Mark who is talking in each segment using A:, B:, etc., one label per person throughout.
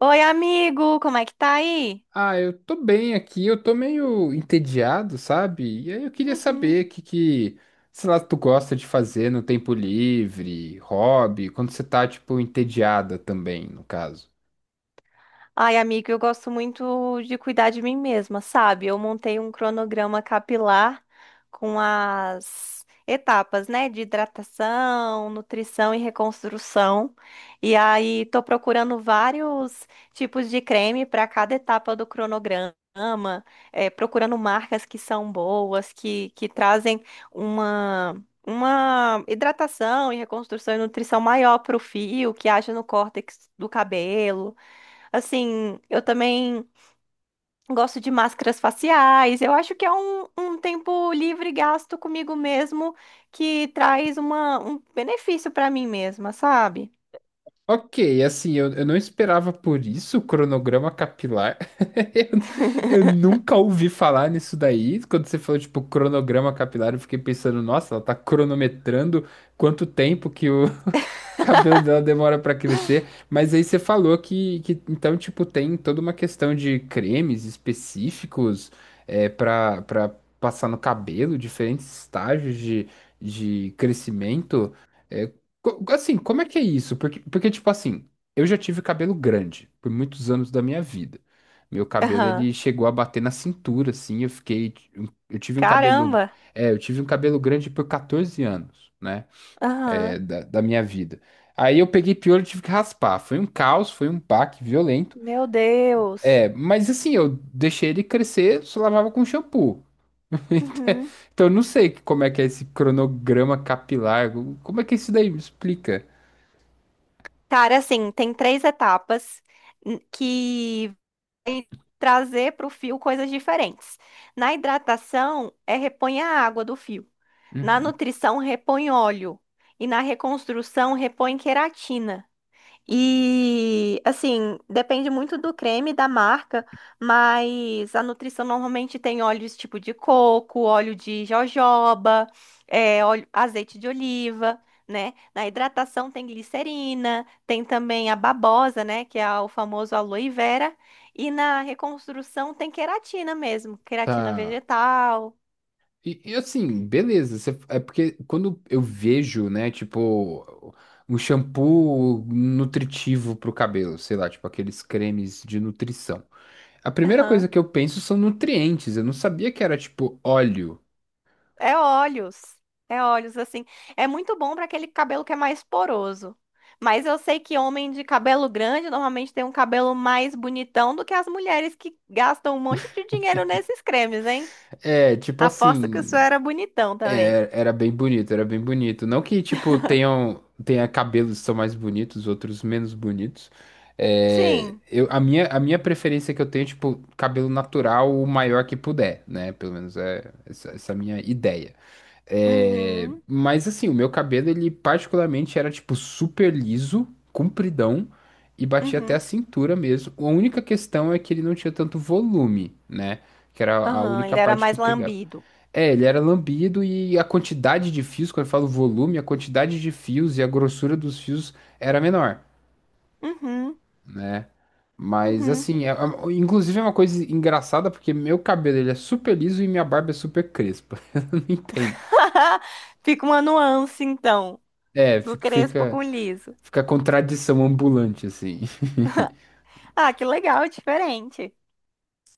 A: Oi, amigo, como é que tá aí?
B: Ah, eu tô bem aqui, eu tô meio entediado, sabe? E aí eu queria
A: Uhum.
B: saber o que que, sei lá, tu gosta de fazer no tempo livre, hobby, quando você tá, tipo, entediada também, no caso.
A: Ai, amigo, eu gosto muito de cuidar de mim mesma, sabe? Eu montei um cronograma capilar com as etapas, né? De hidratação, nutrição e reconstrução. E aí, tô procurando vários tipos de creme para cada etapa do cronograma. Procurando marcas que são boas, que trazem uma, uma hidratação e reconstrução e nutrição maior para o fio, que haja no córtex do cabelo. Assim, eu também gosto de máscaras faciais. Eu acho que é um tempo livre gasto comigo mesmo que traz um benefício para mim mesma, sabe?
B: Ok, assim, eu não esperava por isso, o cronograma capilar. Eu nunca ouvi falar nisso daí. Quando você falou, tipo, cronograma capilar, eu fiquei pensando, nossa, ela tá cronometrando quanto tempo que o, o cabelo dela demora pra crescer, mas aí você falou que então, tipo, tem toda uma questão de cremes específicos é, para passar no cabelo, diferentes estágios de crescimento. É, assim, como é que é isso? Porque, tipo assim, eu já tive cabelo grande por muitos anos da minha vida. Meu cabelo,
A: Aham.
B: ele chegou a bater na cintura, assim, eu fiquei... Eu tive um cabelo...
A: Caramba!
B: É, eu tive um cabelo grande por 14 anos, né? É,
A: Aham.
B: da minha vida. Aí eu peguei piolho e tive que raspar. Foi um caos, foi um baque violento.
A: Meu Deus!
B: É, mas assim, eu deixei ele crescer, só lavava com shampoo.
A: Uhum.
B: Então eu não sei como é que é esse cronograma capilar, como é que é isso daí me explica?
A: Cara, assim, tem três etapas que vai trazer para o fio coisas diferentes. Na hidratação, é repõe a água do fio. Na nutrição repõe óleo e na reconstrução repõe queratina. E assim, depende muito do creme, da marca, mas a nutrição normalmente tem óleos tipo de coco, óleo de jojoba, azeite de oliva, né? Na hidratação tem glicerina, tem também a babosa, né? Que é o famoso aloe vera. E na reconstrução tem queratina mesmo, queratina
B: Tá.
A: vegetal.
B: E, assim, beleza, é porque quando eu vejo, né, tipo, um shampoo nutritivo pro cabelo, sei lá, tipo aqueles cremes de nutrição. A primeira coisa
A: Aham.
B: que eu penso são nutrientes, eu não sabia que era tipo óleo.
A: É óleos. É óleos, assim. É muito bom para aquele cabelo que é mais poroso. Mas eu sei que homem de cabelo grande normalmente tem um cabelo mais bonitão do que as mulheres que gastam um monte de dinheiro nesses cremes, hein?
B: É, tipo
A: Aposto que o seu
B: assim,
A: era bonitão também.
B: era bem bonito, era bem bonito. Não que, tipo, tenha cabelos que são mais bonitos, outros menos bonitos. É,
A: Sim.
B: eu, a minha preferência que eu tenho, é, tipo, cabelo natural o maior que puder, né? Pelo menos é essa, essa minha ideia. É,
A: Uhum.
B: mas assim, o meu cabelo, ele particularmente era, tipo, super liso, compridão e batia até a
A: Uhum.
B: cintura mesmo. A única questão é que ele não tinha tanto volume, né? Que era a
A: Aham,
B: única
A: ele era
B: parte que
A: mais
B: pegava.
A: lambido.
B: É, ele era lambido e a quantidade de fios, quando eu falo volume, a quantidade de fios e a grossura dos fios era menor.
A: Uhum.
B: Mas
A: Uhum.
B: assim, inclusive é uma coisa engraçada porque meu cabelo ele é super liso e minha barba é super crespa. Eu não entendo.
A: Fica uma nuance, então,
B: É,
A: do crespo com liso.
B: fica contradição ambulante assim.
A: Ah, que legal, é diferente.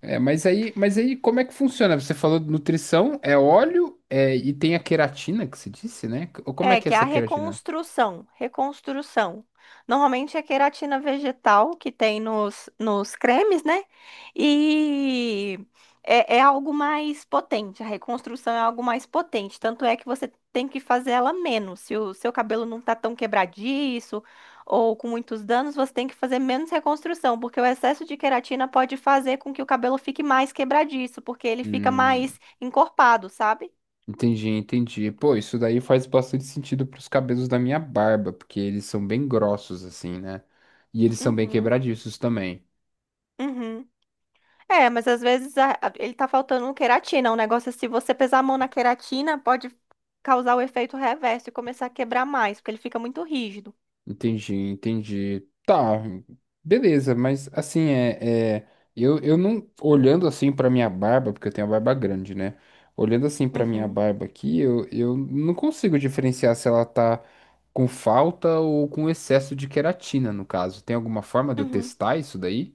B: É, mas aí como é que funciona? Você falou de nutrição, é óleo, é, e tem a queratina que você disse, né? Ou como é
A: É,
B: que é
A: que é
B: essa
A: a
B: queratina?
A: reconstrução, reconstrução. Normalmente é queratina vegetal que tem nos cremes, né? E é algo mais potente, a reconstrução é algo mais potente. Tanto é que você tem que fazer ela menos. Se o seu cabelo não tá tão quebradiço ou com muitos danos, você tem que fazer menos reconstrução, porque o excesso de queratina pode fazer com que o cabelo fique mais quebradiço, porque ele fica
B: Hum.
A: mais encorpado, sabe?
B: Entendi, entendi. Pô, isso daí faz bastante sentido pros cabelos da minha barba, porque eles são bem grossos assim, né? E eles são bem
A: Uhum,
B: quebradiços também.
A: uhum. É, mas às vezes ele tá faltando um queratina. Um negócio é se você pesar a mão na queratina, pode causar o efeito reverso e começar a quebrar mais, porque ele fica muito rígido.
B: Entendi, entendi. Tá, beleza, mas assim, é eu não, olhando assim pra minha barba, porque eu tenho a barba grande, né? Olhando assim pra minha
A: Uhum,
B: barba aqui, eu não consigo diferenciar se ela tá com falta ou com excesso de queratina, no caso. Tem alguma forma de eu
A: uhum.
B: testar isso daí?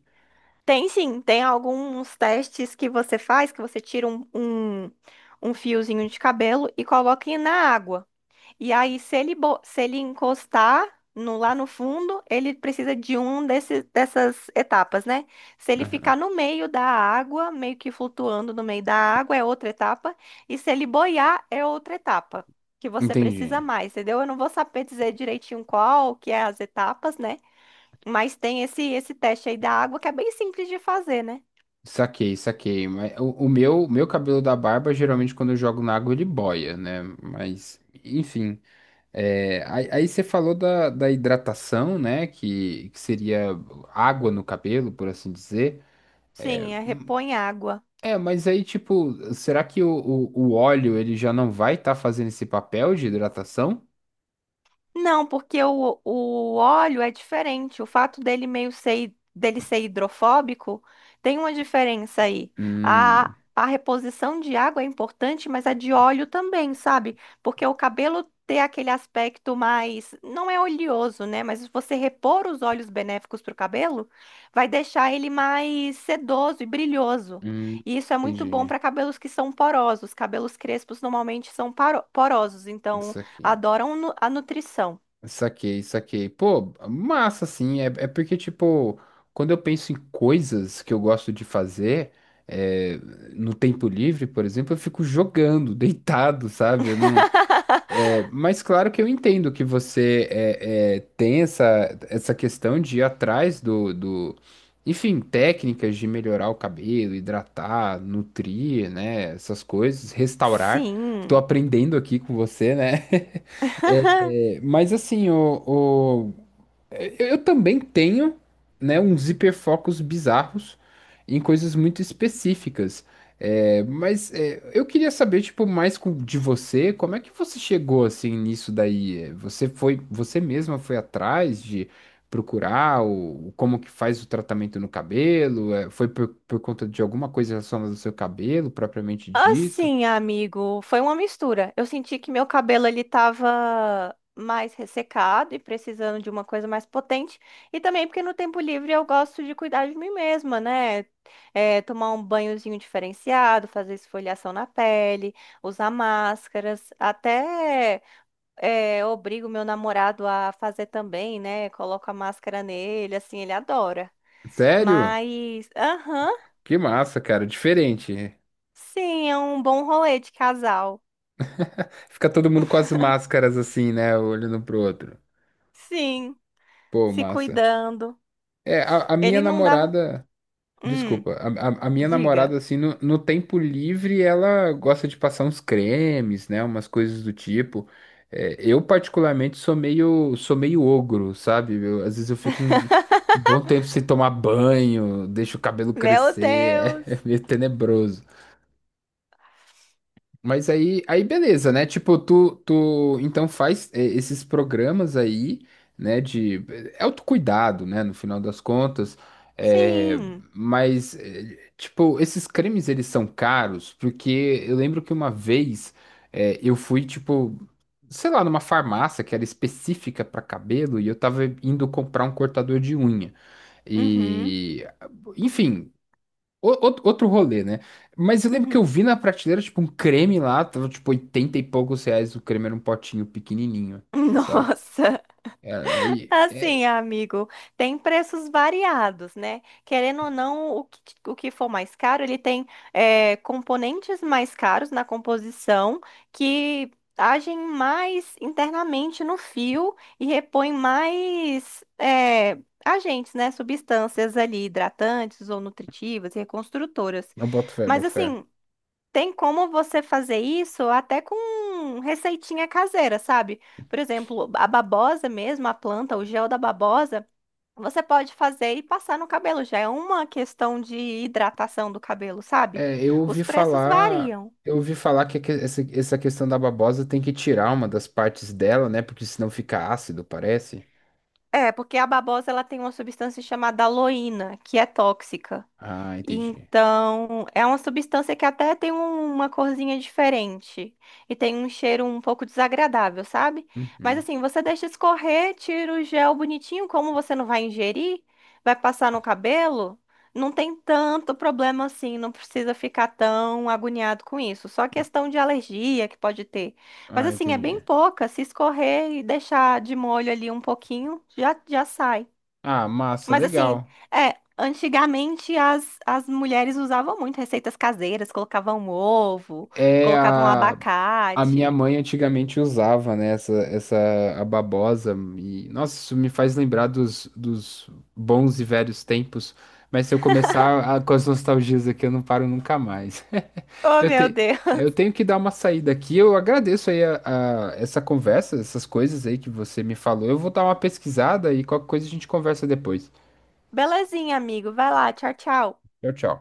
A: Tem sim, tem alguns testes que você faz, que você tira um fiozinho de cabelo e coloca na água. E aí, se ele, se ele encostar lá no fundo, ele precisa de dessas etapas, né? Se ele ficar
B: Aham.
A: no meio da água, meio que flutuando no meio da água, é outra etapa. E se ele boiar, é outra etapa. Que você precisa
B: Entendi.
A: mais, entendeu? Eu não vou saber dizer direitinho qual que é as etapas, né? Mas tem esse teste aí da água que é bem simples de fazer, né?
B: Saquei, saquei. Mas o meu cabelo da barba, geralmente quando eu jogo na água, ele boia, né? Mas, enfim. É, aí você falou da hidratação, né? Que seria água no cabelo, por assim dizer. É,
A: Sim, é repõe água.
B: mas aí, tipo, será que o óleo ele já não vai estar fazendo esse papel de hidratação?
A: Não, porque o óleo é diferente. O fato dele ser hidrofóbico tem uma diferença aí.
B: Hum,
A: A reposição de água é importante, mas a de óleo também, sabe? Porque o cabelo ter aquele aspecto mais, não é oleoso, né? Mas você repor os óleos benéficos para o cabelo vai deixar ele mais sedoso e brilhoso.
B: hum,
A: E isso é muito bom
B: entendi.
A: para cabelos que são porosos. Cabelos crespos normalmente são porosos, então
B: Isso aqui.
A: adoram a nutrição.
B: Saquei, saquei. Pô, massa, assim. É porque, tipo, quando eu penso em coisas que eu gosto de fazer, é, no tempo livre, por exemplo, eu fico jogando, deitado, sabe? Eu não... É, mas claro que eu entendo que você é, tem essa, essa questão de ir atrás do... Enfim, técnicas de melhorar o cabelo, hidratar, nutrir, né? Essas coisas, restaurar. Tô
A: Sim.
B: aprendendo aqui com você, né? Mas assim, eu também tenho, né, uns hiperfocos bizarros em coisas muito específicas. É, mas é, eu queria saber, tipo, mais de você, como é que você chegou assim nisso daí? É, você foi, você mesma foi atrás de procurar o, como que faz o tratamento no cabelo? É, foi por conta de alguma coisa relacionada ao seu cabelo, propriamente dito?
A: Assim, amigo, foi uma mistura. Eu senti que meu cabelo ele tava mais ressecado e precisando de uma coisa mais potente. E também porque no tempo livre eu gosto de cuidar de mim mesma, né? É, tomar um banhozinho diferenciado, fazer esfoliação na pele, usar máscaras, até obrigo meu namorado a fazer também, né? Coloco a máscara nele, assim, ele adora.
B: Sério?
A: Mas, aham,
B: Que massa, cara, diferente.
A: sim, é um bom rolê de casal.
B: Fica todo mundo com as máscaras assim, né? Olhando pro outro.
A: Sim,
B: Pô,
A: se
B: massa.
A: cuidando.
B: É, a minha
A: Ele não dava.
B: namorada.
A: Hum,
B: Desculpa, a minha
A: diga.
B: namorada, assim, no tempo livre, ela gosta de passar uns cremes, né? Umas coisas do tipo. É, eu, particularmente, sou meio ogro, sabe? Às vezes eu fico um bom tempo sem tomar banho, deixo o cabelo
A: Meu
B: crescer, é
A: Deus!
B: meio tenebroso. Mas aí beleza, né? Tipo, tu então faz é, esses programas aí, né? De autocuidado, né? No final das contas. É,
A: Sim.
B: mas, é, tipo, esses cremes eles são caros, porque eu lembro que uma vez é, eu fui, tipo, sei lá, numa farmácia que era específica para cabelo e eu tava indo comprar um cortador de unha.
A: Uhum,
B: E, enfim, outro rolê, né? Mas eu lembro que eu
A: uhum.
B: vi na prateleira, tipo, um creme lá, tava tipo R$ 80 e poucos. O creme era um potinho pequenininho, sabe?
A: Nossa!
B: É, Aí,
A: Assim,
B: é,
A: amigo, tem preços variados, né? Querendo ou não, o que for mais caro, ele tem componentes mais caros na composição que agem mais internamente no fio e repõem mais agentes, né? Substâncias ali, hidratantes ou nutritivas e reconstrutoras.
B: Eu boto fé,
A: Mas
B: boto fé.
A: assim. Tem como você fazer isso até com receitinha caseira, sabe? Por exemplo, a babosa mesmo, a planta, o gel da babosa, você pode fazer e passar no cabelo. Já é uma questão de hidratação do cabelo, sabe?
B: É,
A: Os preços variam.
B: eu ouvi falar essa, essa questão da babosa tem que tirar uma das partes dela, né? Porque senão fica ácido, parece.
A: É, porque a babosa ela tem uma substância chamada aloína, que é tóxica.
B: Ah, entendi.
A: Então, é uma substância que até tem uma corzinha diferente e tem um cheiro um pouco desagradável, sabe? Mas
B: Uhum.
A: assim, você deixa escorrer, tira o gel bonitinho, como você não vai ingerir, vai passar no cabelo, não tem tanto problema assim, não precisa ficar tão agoniado com isso. Só questão de alergia que pode ter. Mas
B: Ah,
A: assim, é bem
B: entendi.
A: pouca, se escorrer e deixar de molho ali um pouquinho, já já sai.
B: Ah, massa,
A: Mas assim,
B: legal.
A: é, antigamente as mulheres usavam muito receitas caseiras, colocavam ovo,
B: É
A: colocavam
B: a A minha
A: abacate.
B: mãe antigamente usava, né, essa a babosa e nossa, isso me faz lembrar dos bons e velhos tempos. Mas se eu começar com as nostalgias aqui, eu não paro nunca mais.
A: Oh,
B: Eu,
A: meu
B: te,
A: Deus.
B: eu tenho que dar uma saída aqui. Eu agradeço aí essa conversa, essas coisas aí que você me falou. Eu vou dar uma pesquisada e qualquer coisa a gente conversa depois.
A: Belezinha, amigo. Vai lá, tchau, tchau.
B: Tchau, tchau.